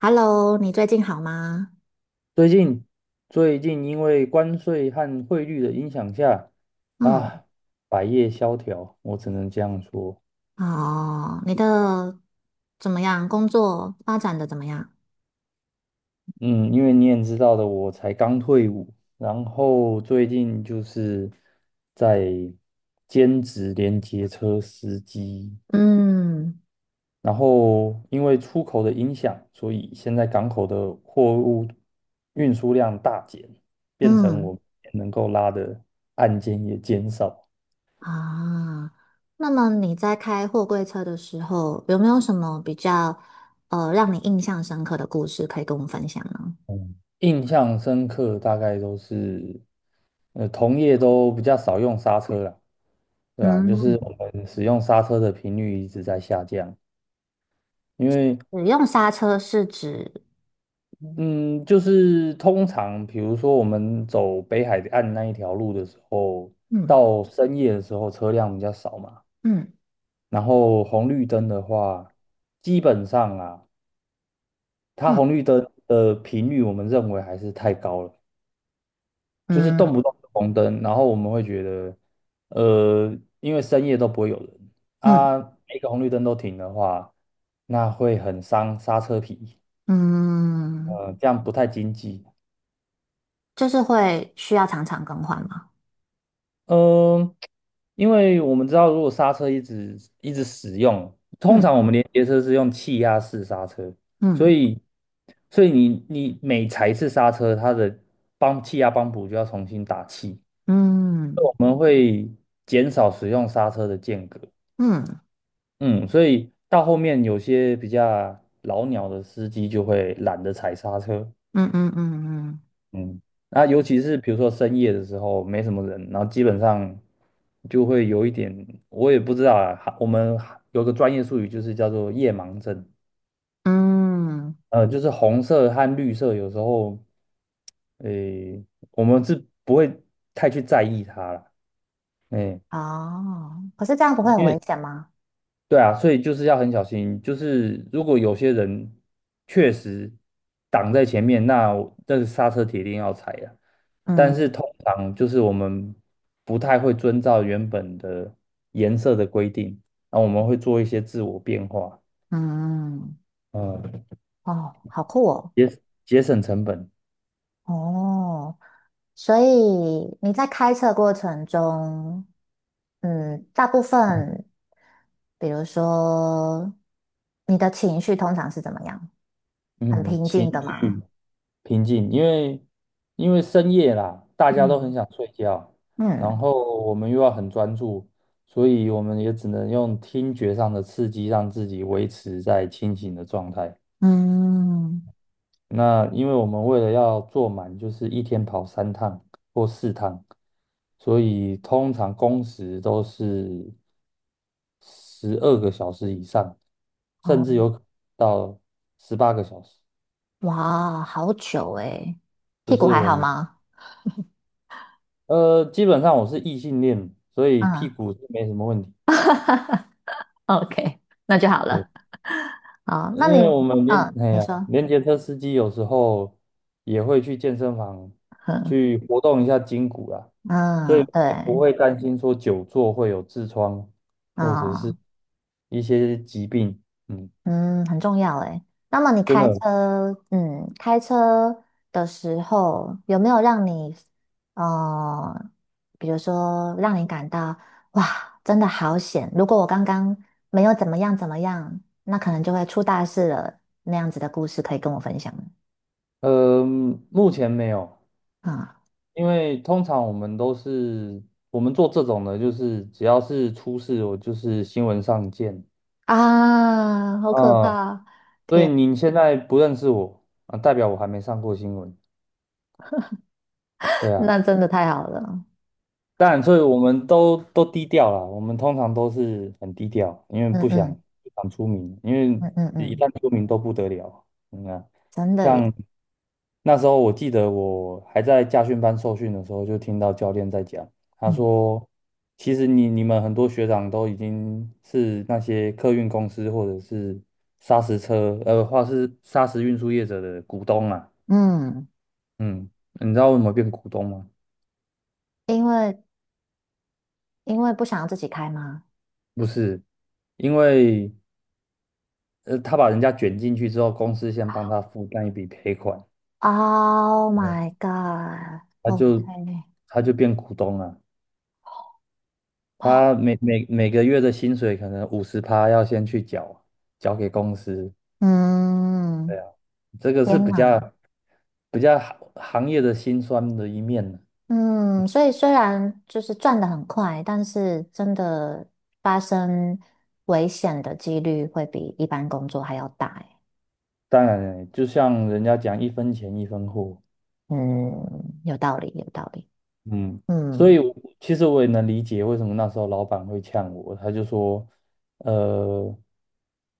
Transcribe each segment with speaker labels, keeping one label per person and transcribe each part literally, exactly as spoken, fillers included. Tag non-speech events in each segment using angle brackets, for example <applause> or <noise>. Speaker 1: Hello，你最近好吗？
Speaker 2: 最近最近因为关税和汇率的影响下，
Speaker 1: 嗯，
Speaker 2: 啊，百业萧条，我只能这样说。
Speaker 1: 哦，你的怎么样？工作发展的怎么样？
Speaker 2: 嗯，因为你也知道的，我才刚退伍，然后最近就是在兼职连接车司机，
Speaker 1: 嗯
Speaker 2: 然后因为出口的影响，所以现在港口的货物运输量大减，变成
Speaker 1: 嗯
Speaker 2: 我能够拉的案件也减少。
Speaker 1: 啊，那么你在开货柜车的时候，有没有什么比较呃让你印象深刻的故事可以跟我们分享呢？
Speaker 2: 嗯，印象深刻大概都是，呃，同业都比较少用刹车啦，对啊，就是
Speaker 1: 嗯，
Speaker 2: 我们使用刹车的频率一直在下降，因为
Speaker 1: 使用刹车是指？
Speaker 2: 嗯，就是通常比如说我们走北海岸那一条路的时候，
Speaker 1: 嗯
Speaker 2: 到深夜的时候车辆比较少嘛，
Speaker 1: 嗯
Speaker 2: 然后红绿灯的话，基本上啊，它
Speaker 1: 嗯
Speaker 2: 红绿灯的频率我们认为还是太高了。就是
Speaker 1: 嗯
Speaker 2: 动不动就红灯，然后我们会觉得，呃，因为深夜都不会有人
Speaker 1: 嗯
Speaker 2: 啊，每个红绿灯都停的话，那会很伤刹车皮，
Speaker 1: 嗯，
Speaker 2: 呃，这样不太经济。
Speaker 1: 就是会需要常常更换吗？
Speaker 2: 嗯，因为我们知道，如果刹车一直一直使用，通
Speaker 1: 嗯
Speaker 2: 常我们连接车是用气压式刹车，所
Speaker 1: 嗯
Speaker 2: 以所以你你每踩一次刹车，它的帮气压帮补就要重新打气。
Speaker 1: 嗯
Speaker 2: 我们会减少使用刹车的间隔，
Speaker 1: 嗯。
Speaker 2: 嗯，所以到后面有些比较老鸟的司机就会懒得踩刹车，
Speaker 1: 嗯嗯嗯
Speaker 2: 嗯，那尤其是比如说深夜的时候没什么人，然后基本上就会有一点，我也不知道啊，哈我们有个专业术语就是叫做夜盲症，
Speaker 1: 嗯嗯，
Speaker 2: 呃，就是红色和绿色有时候，诶，我们是不会太去在意它了，诶，
Speaker 1: 哦，可是这样不会
Speaker 2: 因
Speaker 1: 很危
Speaker 2: 为
Speaker 1: 险吗？
Speaker 2: 对啊，所以就是要很小心。就是如果有些人确实挡在前面，那我这个刹车铁定要踩啊。但是
Speaker 1: 嗯
Speaker 2: 通常就是我们不太会遵照原本的颜色的规定，那我们会做一些自我变化，
Speaker 1: 嗯，
Speaker 2: 嗯，
Speaker 1: 哦，好酷哦，
Speaker 2: 节节省成本，
Speaker 1: 哦，所以你在开车过程中，嗯，大部分，比如说你的情绪通常是怎么样？很
Speaker 2: 嗯，
Speaker 1: 平
Speaker 2: 情
Speaker 1: 静的吗？
Speaker 2: 绪平静，因为因为深夜啦，大家都很
Speaker 1: 嗯
Speaker 2: 想睡觉，然
Speaker 1: 嗯
Speaker 2: 后我们又要很专注，所以我们也只能用听觉上的刺激让自己维持在清醒的状态。
Speaker 1: 嗯，
Speaker 2: 那因为我们为了要做满，就是一天跑三趟或四趟，所以通常工时都是十二个小时以上，甚
Speaker 1: 哦，
Speaker 2: 至有可能到十八个小时，
Speaker 1: 哇，好久诶，
Speaker 2: 就
Speaker 1: 屁股
Speaker 2: 是
Speaker 1: 还
Speaker 2: 我
Speaker 1: 好
Speaker 2: 们
Speaker 1: 吗？
Speaker 2: 呃，基本上我是异性恋，所以屁
Speaker 1: 嗯。
Speaker 2: 股是没什么问题。
Speaker 1: OK，那就好
Speaker 2: 对，
Speaker 1: 了。啊、
Speaker 2: 因
Speaker 1: 那你，
Speaker 2: 为我们连
Speaker 1: 嗯，
Speaker 2: 哎
Speaker 1: 你
Speaker 2: 呀，
Speaker 1: 说，
Speaker 2: 连接车司机有时候也会去健身房
Speaker 1: 嗯，
Speaker 2: 去活动一下筋骨啦，所
Speaker 1: 嗯，
Speaker 2: 以
Speaker 1: 对，嗯
Speaker 2: 不
Speaker 1: 嗯
Speaker 2: 会担心说久坐会有痔疮
Speaker 1: 对
Speaker 2: 或者是
Speaker 1: 啊，
Speaker 2: 一些疾病。嗯，
Speaker 1: 嗯很重要诶。那么你
Speaker 2: 真
Speaker 1: 开
Speaker 2: 的，
Speaker 1: 车，嗯，开车的时候有没有让你，呃，比如说让你感到哇，真的好险！如果我刚刚没有怎么样怎么样，那可能就会出大事了。那样子的故事可以跟我分享吗？
Speaker 2: 呃，目前没有，
Speaker 1: 啊、
Speaker 2: 因为通常我们都是我们做这种的，就是只要是出事，我就是新闻上见。
Speaker 1: 啊，好可
Speaker 2: 啊，
Speaker 1: 怕！
Speaker 2: 所以
Speaker 1: 天，
Speaker 2: 你现在不认识我啊，代表我还没上过新闻。对
Speaker 1: <laughs>
Speaker 2: 啊，
Speaker 1: 那真的太好了。
Speaker 2: 当然，所以我们都都低调啦。我们通常都是很低调，因为
Speaker 1: 嗯
Speaker 2: 不想
Speaker 1: 嗯
Speaker 2: 不想出名，因为
Speaker 1: 嗯嗯
Speaker 2: 一
Speaker 1: 嗯，
Speaker 2: 旦出名都不得了。你看，
Speaker 1: 真的耶，
Speaker 2: 像那时候我记得我还在驾训班受训的时候，就听到教练在讲，他
Speaker 1: 嗯
Speaker 2: 说，其实你你们很多学长都已经是那些客运公司或者是砂石车，呃，或是砂石运输业者的股东啊。
Speaker 1: 嗯，
Speaker 2: 嗯，你知道为什么变股东吗？
Speaker 1: 因为因为不想要自己开吗
Speaker 2: 不是，因为呃，他把人家卷进去之后，公司先帮他负担一笔赔款，
Speaker 1: ？Oh
Speaker 2: 哎，
Speaker 1: my
Speaker 2: 他
Speaker 1: god，OK，
Speaker 2: 就他就变股东了。
Speaker 1: 哦，
Speaker 2: 他每每每个月的薪水可能五十趴要先去缴，缴给公司。
Speaker 1: 嗯，
Speaker 2: 对啊，这个是
Speaker 1: 天
Speaker 2: 比
Speaker 1: 哪，
Speaker 2: 较比较行行业的辛酸的一面呢。
Speaker 1: 嗯，所以虽然就是赚得很快，但是真的发生危险的几率会比一般工作还要大耶
Speaker 2: 当然，就像人家讲一分钱一分货，
Speaker 1: 嗯，有道理，有道理，
Speaker 2: 嗯，所以我其实我也能理解为什么那时候老板会呛我，他就说，呃，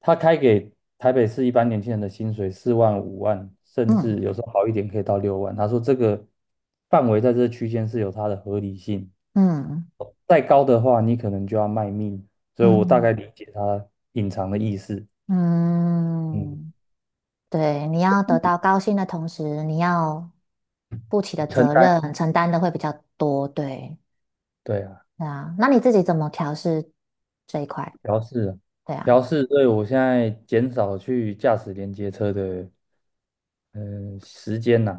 Speaker 2: 他开给台北市一般年轻人的薪水四万、五万，甚至
Speaker 1: 嗯
Speaker 2: 有时候好一点可以到六万。他说这个范围在这区间是有它的合理性，
Speaker 1: 嗯
Speaker 2: 再高的话你可能就要卖命。所以
Speaker 1: 嗯
Speaker 2: 我大
Speaker 1: 嗯。嗯
Speaker 2: 概理解他隐藏的意思。嗯，
Speaker 1: 嗯对，你要得
Speaker 2: 嗯
Speaker 1: 到高薪的同时，你要负起的
Speaker 2: 承
Speaker 1: 责
Speaker 2: 担，
Speaker 1: 任承担的会比较多，对，
Speaker 2: 对啊，
Speaker 1: 对啊。那你自己怎么调试这一块？
Speaker 2: 调试啊，
Speaker 1: 对啊，
Speaker 2: 调试。所以我现在减少去驾驶连接车的。嗯，时间呐，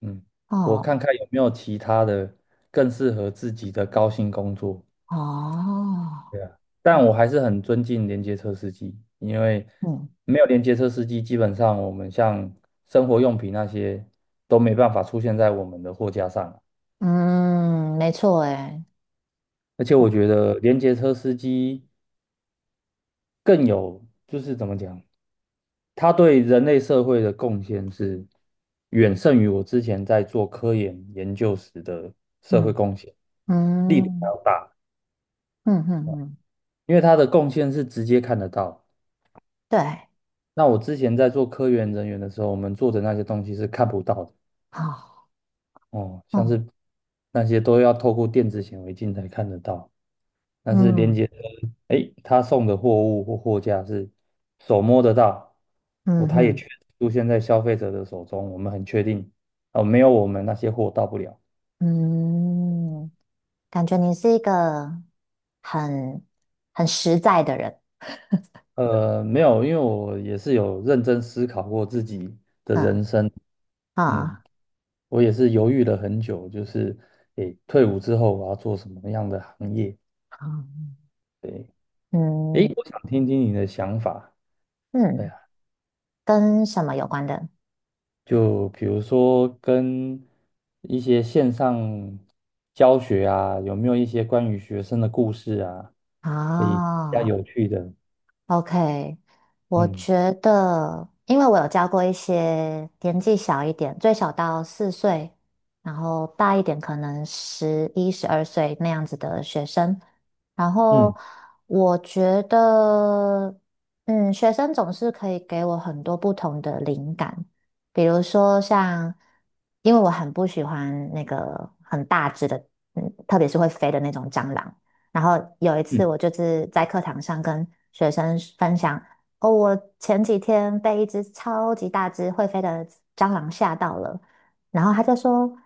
Speaker 2: 嗯，我
Speaker 1: 哦
Speaker 2: 看看有没有其他的更适合自己的高薪工作。
Speaker 1: 哦，
Speaker 2: 对啊，
Speaker 1: 嗯
Speaker 2: 但我还是很尊敬连接车司机，因为没有连接车司机，基本上我们像生活用品那些都没办法出现在我们的货架上。
Speaker 1: 嗯，嗯没错，诶，
Speaker 2: 而且我觉得连接车司机更有，就是怎么讲，他对人类社会的贡献是远胜于我之前在做科研研究时的社会
Speaker 1: 嗯
Speaker 2: 贡献，力度还
Speaker 1: 嗯
Speaker 2: 要大，
Speaker 1: 嗯嗯嗯，
Speaker 2: 因为他的贡献是直接看得到。
Speaker 1: 对，
Speaker 2: 那我之前在做科研人员的时候，我们做的那些东西是看不到的
Speaker 1: 好，
Speaker 2: 哦，像
Speaker 1: 哦，
Speaker 2: 是那些都要透过电子显微镜才看得到，但是连
Speaker 1: 嗯
Speaker 2: 接诶，他送的货物或货架是手摸得到，哦，
Speaker 1: 嗯
Speaker 2: 他也
Speaker 1: 嗯
Speaker 2: 确实出现在消费者的手中，我们很确定，哦，没有我们那些货到不了。
Speaker 1: 嗯，感觉你是一个很很实在的人，
Speaker 2: 呃，没有，因为我也是有认真思考过自己的
Speaker 1: 嗯
Speaker 2: 人生，嗯，
Speaker 1: 啊，
Speaker 2: 我也是犹豫了很久，就是诶，退伍之后我要做什么样的行业？
Speaker 1: 好
Speaker 2: 对，诶，
Speaker 1: 嗯。
Speaker 2: 我想听听你的想法。对
Speaker 1: 嗯，
Speaker 2: 啊。
Speaker 1: 跟什么有关的？
Speaker 2: 就比如说跟一些线上教学啊，有没有一些关于学生的故事啊，可以比较
Speaker 1: 啊
Speaker 2: 有趣的，
Speaker 1: ，OK，我
Speaker 2: 嗯
Speaker 1: 觉得，因为我有教过一些年纪小一点，最小到四岁，然后大一点可能十一、十二岁那样子的学生，然后
Speaker 2: 嗯
Speaker 1: 我觉得，嗯，学生总是可以给我很多不同的灵感，比如说像，因为我很不喜欢那个很大只的，嗯，特别是会飞的那种蟑螂。然后有一次
Speaker 2: 嗯
Speaker 1: 我就是在课堂上跟学生分享，哦，我前几天被一只超级大只会飞的蟑螂吓到了，然后他就说，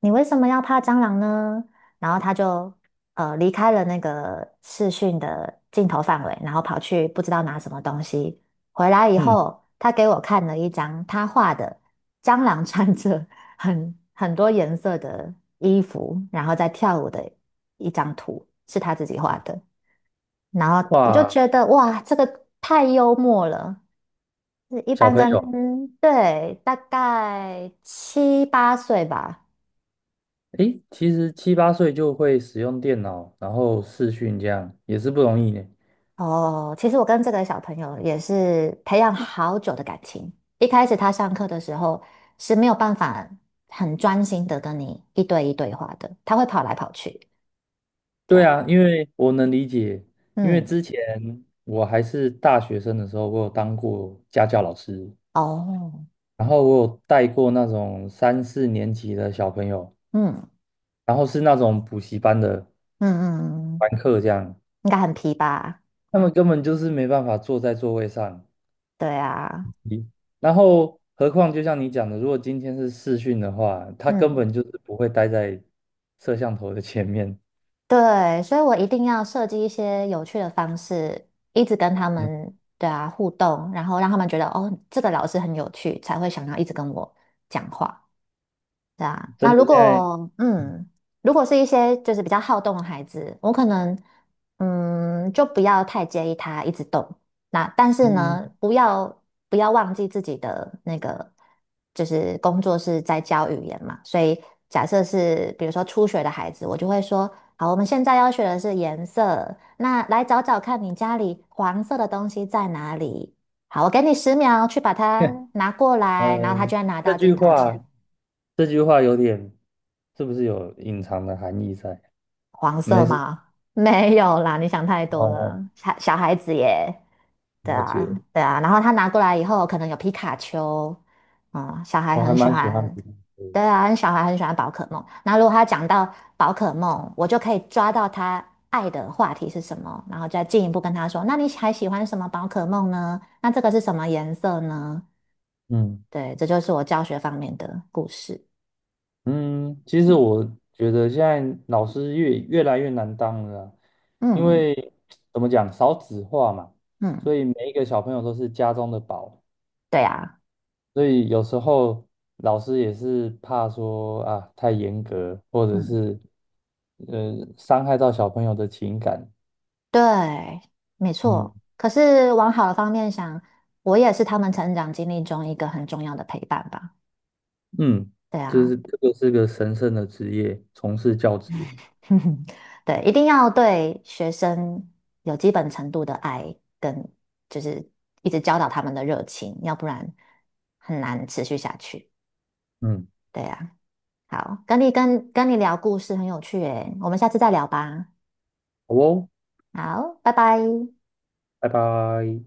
Speaker 1: 你为什么要怕蟑螂呢？然后他就呃离开了那个视讯的镜头范围，然后跑去不知道拿什么东西。回来以
Speaker 2: 嗯，
Speaker 1: 后，他给我看了一张他画的蟑螂穿着很很多颜色的衣服，然后在跳舞的一张图是他自己画的，然后我就
Speaker 2: 哇，
Speaker 1: 觉得哇，这个太幽默了。就是一
Speaker 2: 小
Speaker 1: 般
Speaker 2: 朋
Speaker 1: 跟
Speaker 2: 友，
Speaker 1: 对大概七八岁吧。
Speaker 2: 诶，其实七八岁就会使用电脑，然后视讯这样也是不容易呢。
Speaker 1: 哦，其实我跟这个小朋友也是培养好久的感情。一开始他上课的时候是没有办法很专心的跟你一对一对话的，他会跑来跑去。对
Speaker 2: 对
Speaker 1: 啊，
Speaker 2: 啊，因为我能理解，因为
Speaker 1: 嗯，
Speaker 2: 之前我还是大学生的时候，我有当过家教老师。
Speaker 1: 哦，
Speaker 2: 然后我有带过那种三四年级的小朋友，
Speaker 1: 嗯
Speaker 2: 然后是那种补习班的
Speaker 1: 嗯嗯嗯。嗯
Speaker 2: 班课这样，
Speaker 1: 应该很皮吧？
Speaker 2: 他们根本就是没办法坐在座位上。
Speaker 1: 对啊，
Speaker 2: 咦然后，何况就像你讲的，如果今天是视讯的话，他根
Speaker 1: 嗯，
Speaker 2: 本就是不会待在摄像头的前面。
Speaker 1: 对，所以我一定要设计一些有趣的方式，一直跟他
Speaker 2: 嗯，
Speaker 1: 们对啊互动，然后让他们觉得哦，这个老师很有趣，才会想要一直跟我讲话。对啊，
Speaker 2: <laughs>
Speaker 1: 那
Speaker 2: 真
Speaker 1: 如
Speaker 2: 的，现在，
Speaker 1: 果嗯，如果是一些就是比较好动的孩子，我可能嗯就不要太介意他一直动。那但是
Speaker 2: 嗯
Speaker 1: 呢，不要不要忘记自己的那个就是工作是在教语言嘛，所以假设是比如说初学的孩子，我就会说，好，我们现在要学的是颜色，那来找找看你家里黄色的东西在哪里。好，我给你十秒去把它拿过来，然后他
Speaker 2: 呃，
Speaker 1: 就会拿
Speaker 2: 这
Speaker 1: 到
Speaker 2: 句
Speaker 1: 镜头
Speaker 2: 话，
Speaker 1: 前。
Speaker 2: 这句话有点，是不是有隐藏的含义在？
Speaker 1: 黄色
Speaker 2: 没事，
Speaker 1: 吗？<laughs> 没有啦，你想太多
Speaker 2: 哦，
Speaker 1: 了，小小孩子耶。对
Speaker 2: 了
Speaker 1: 啊，
Speaker 2: 解，
Speaker 1: 对啊，然后他拿过来以后，可能有皮卡丘，嗯，小孩
Speaker 2: 我还
Speaker 1: 很喜
Speaker 2: 蛮喜欢
Speaker 1: 欢，
Speaker 2: 比例的，
Speaker 1: 对啊，小孩很喜欢宝可梦。那如果他讲到宝可梦，我就可以抓到他爱的话题是什么，然后再进一步跟他说，那你还喜欢什么宝可梦呢？那这个是什么颜色呢？
Speaker 2: 嗯。
Speaker 1: 对，这就是我教学方面的故事。
Speaker 2: 嗯，其实
Speaker 1: 嗯
Speaker 2: 我觉得现在老师越越来越难当了啊，因
Speaker 1: 嗯
Speaker 2: 为怎么讲，少子化嘛，
Speaker 1: 嗯，
Speaker 2: 所以每一个小朋友都是家中的宝，
Speaker 1: 对啊。
Speaker 2: 所以有时候老师也是怕说啊太严格，或者
Speaker 1: 嗯。
Speaker 2: 是呃伤害到小朋友的情感。
Speaker 1: 对，没
Speaker 2: 嗯
Speaker 1: 错。可是往好的方面想，我也是他们成长经历中一个很重要的陪伴吧。
Speaker 2: 嗯，
Speaker 1: 对
Speaker 2: 这
Speaker 1: 啊，
Speaker 2: 是这个是个神圣的职业，从事教职。
Speaker 1: <laughs> 对，一定要对学生有基本程度的爱，跟就是一直教导他们的热情，要不然很难持续下去。
Speaker 2: 嗯，
Speaker 1: 对啊，好，跟你跟跟你聊故事很有趣诶，我们下次再聊吧。
Speaker 2: 好哦，
Speaker 1: 好，拜拜。
Speaker 2: 拜拜。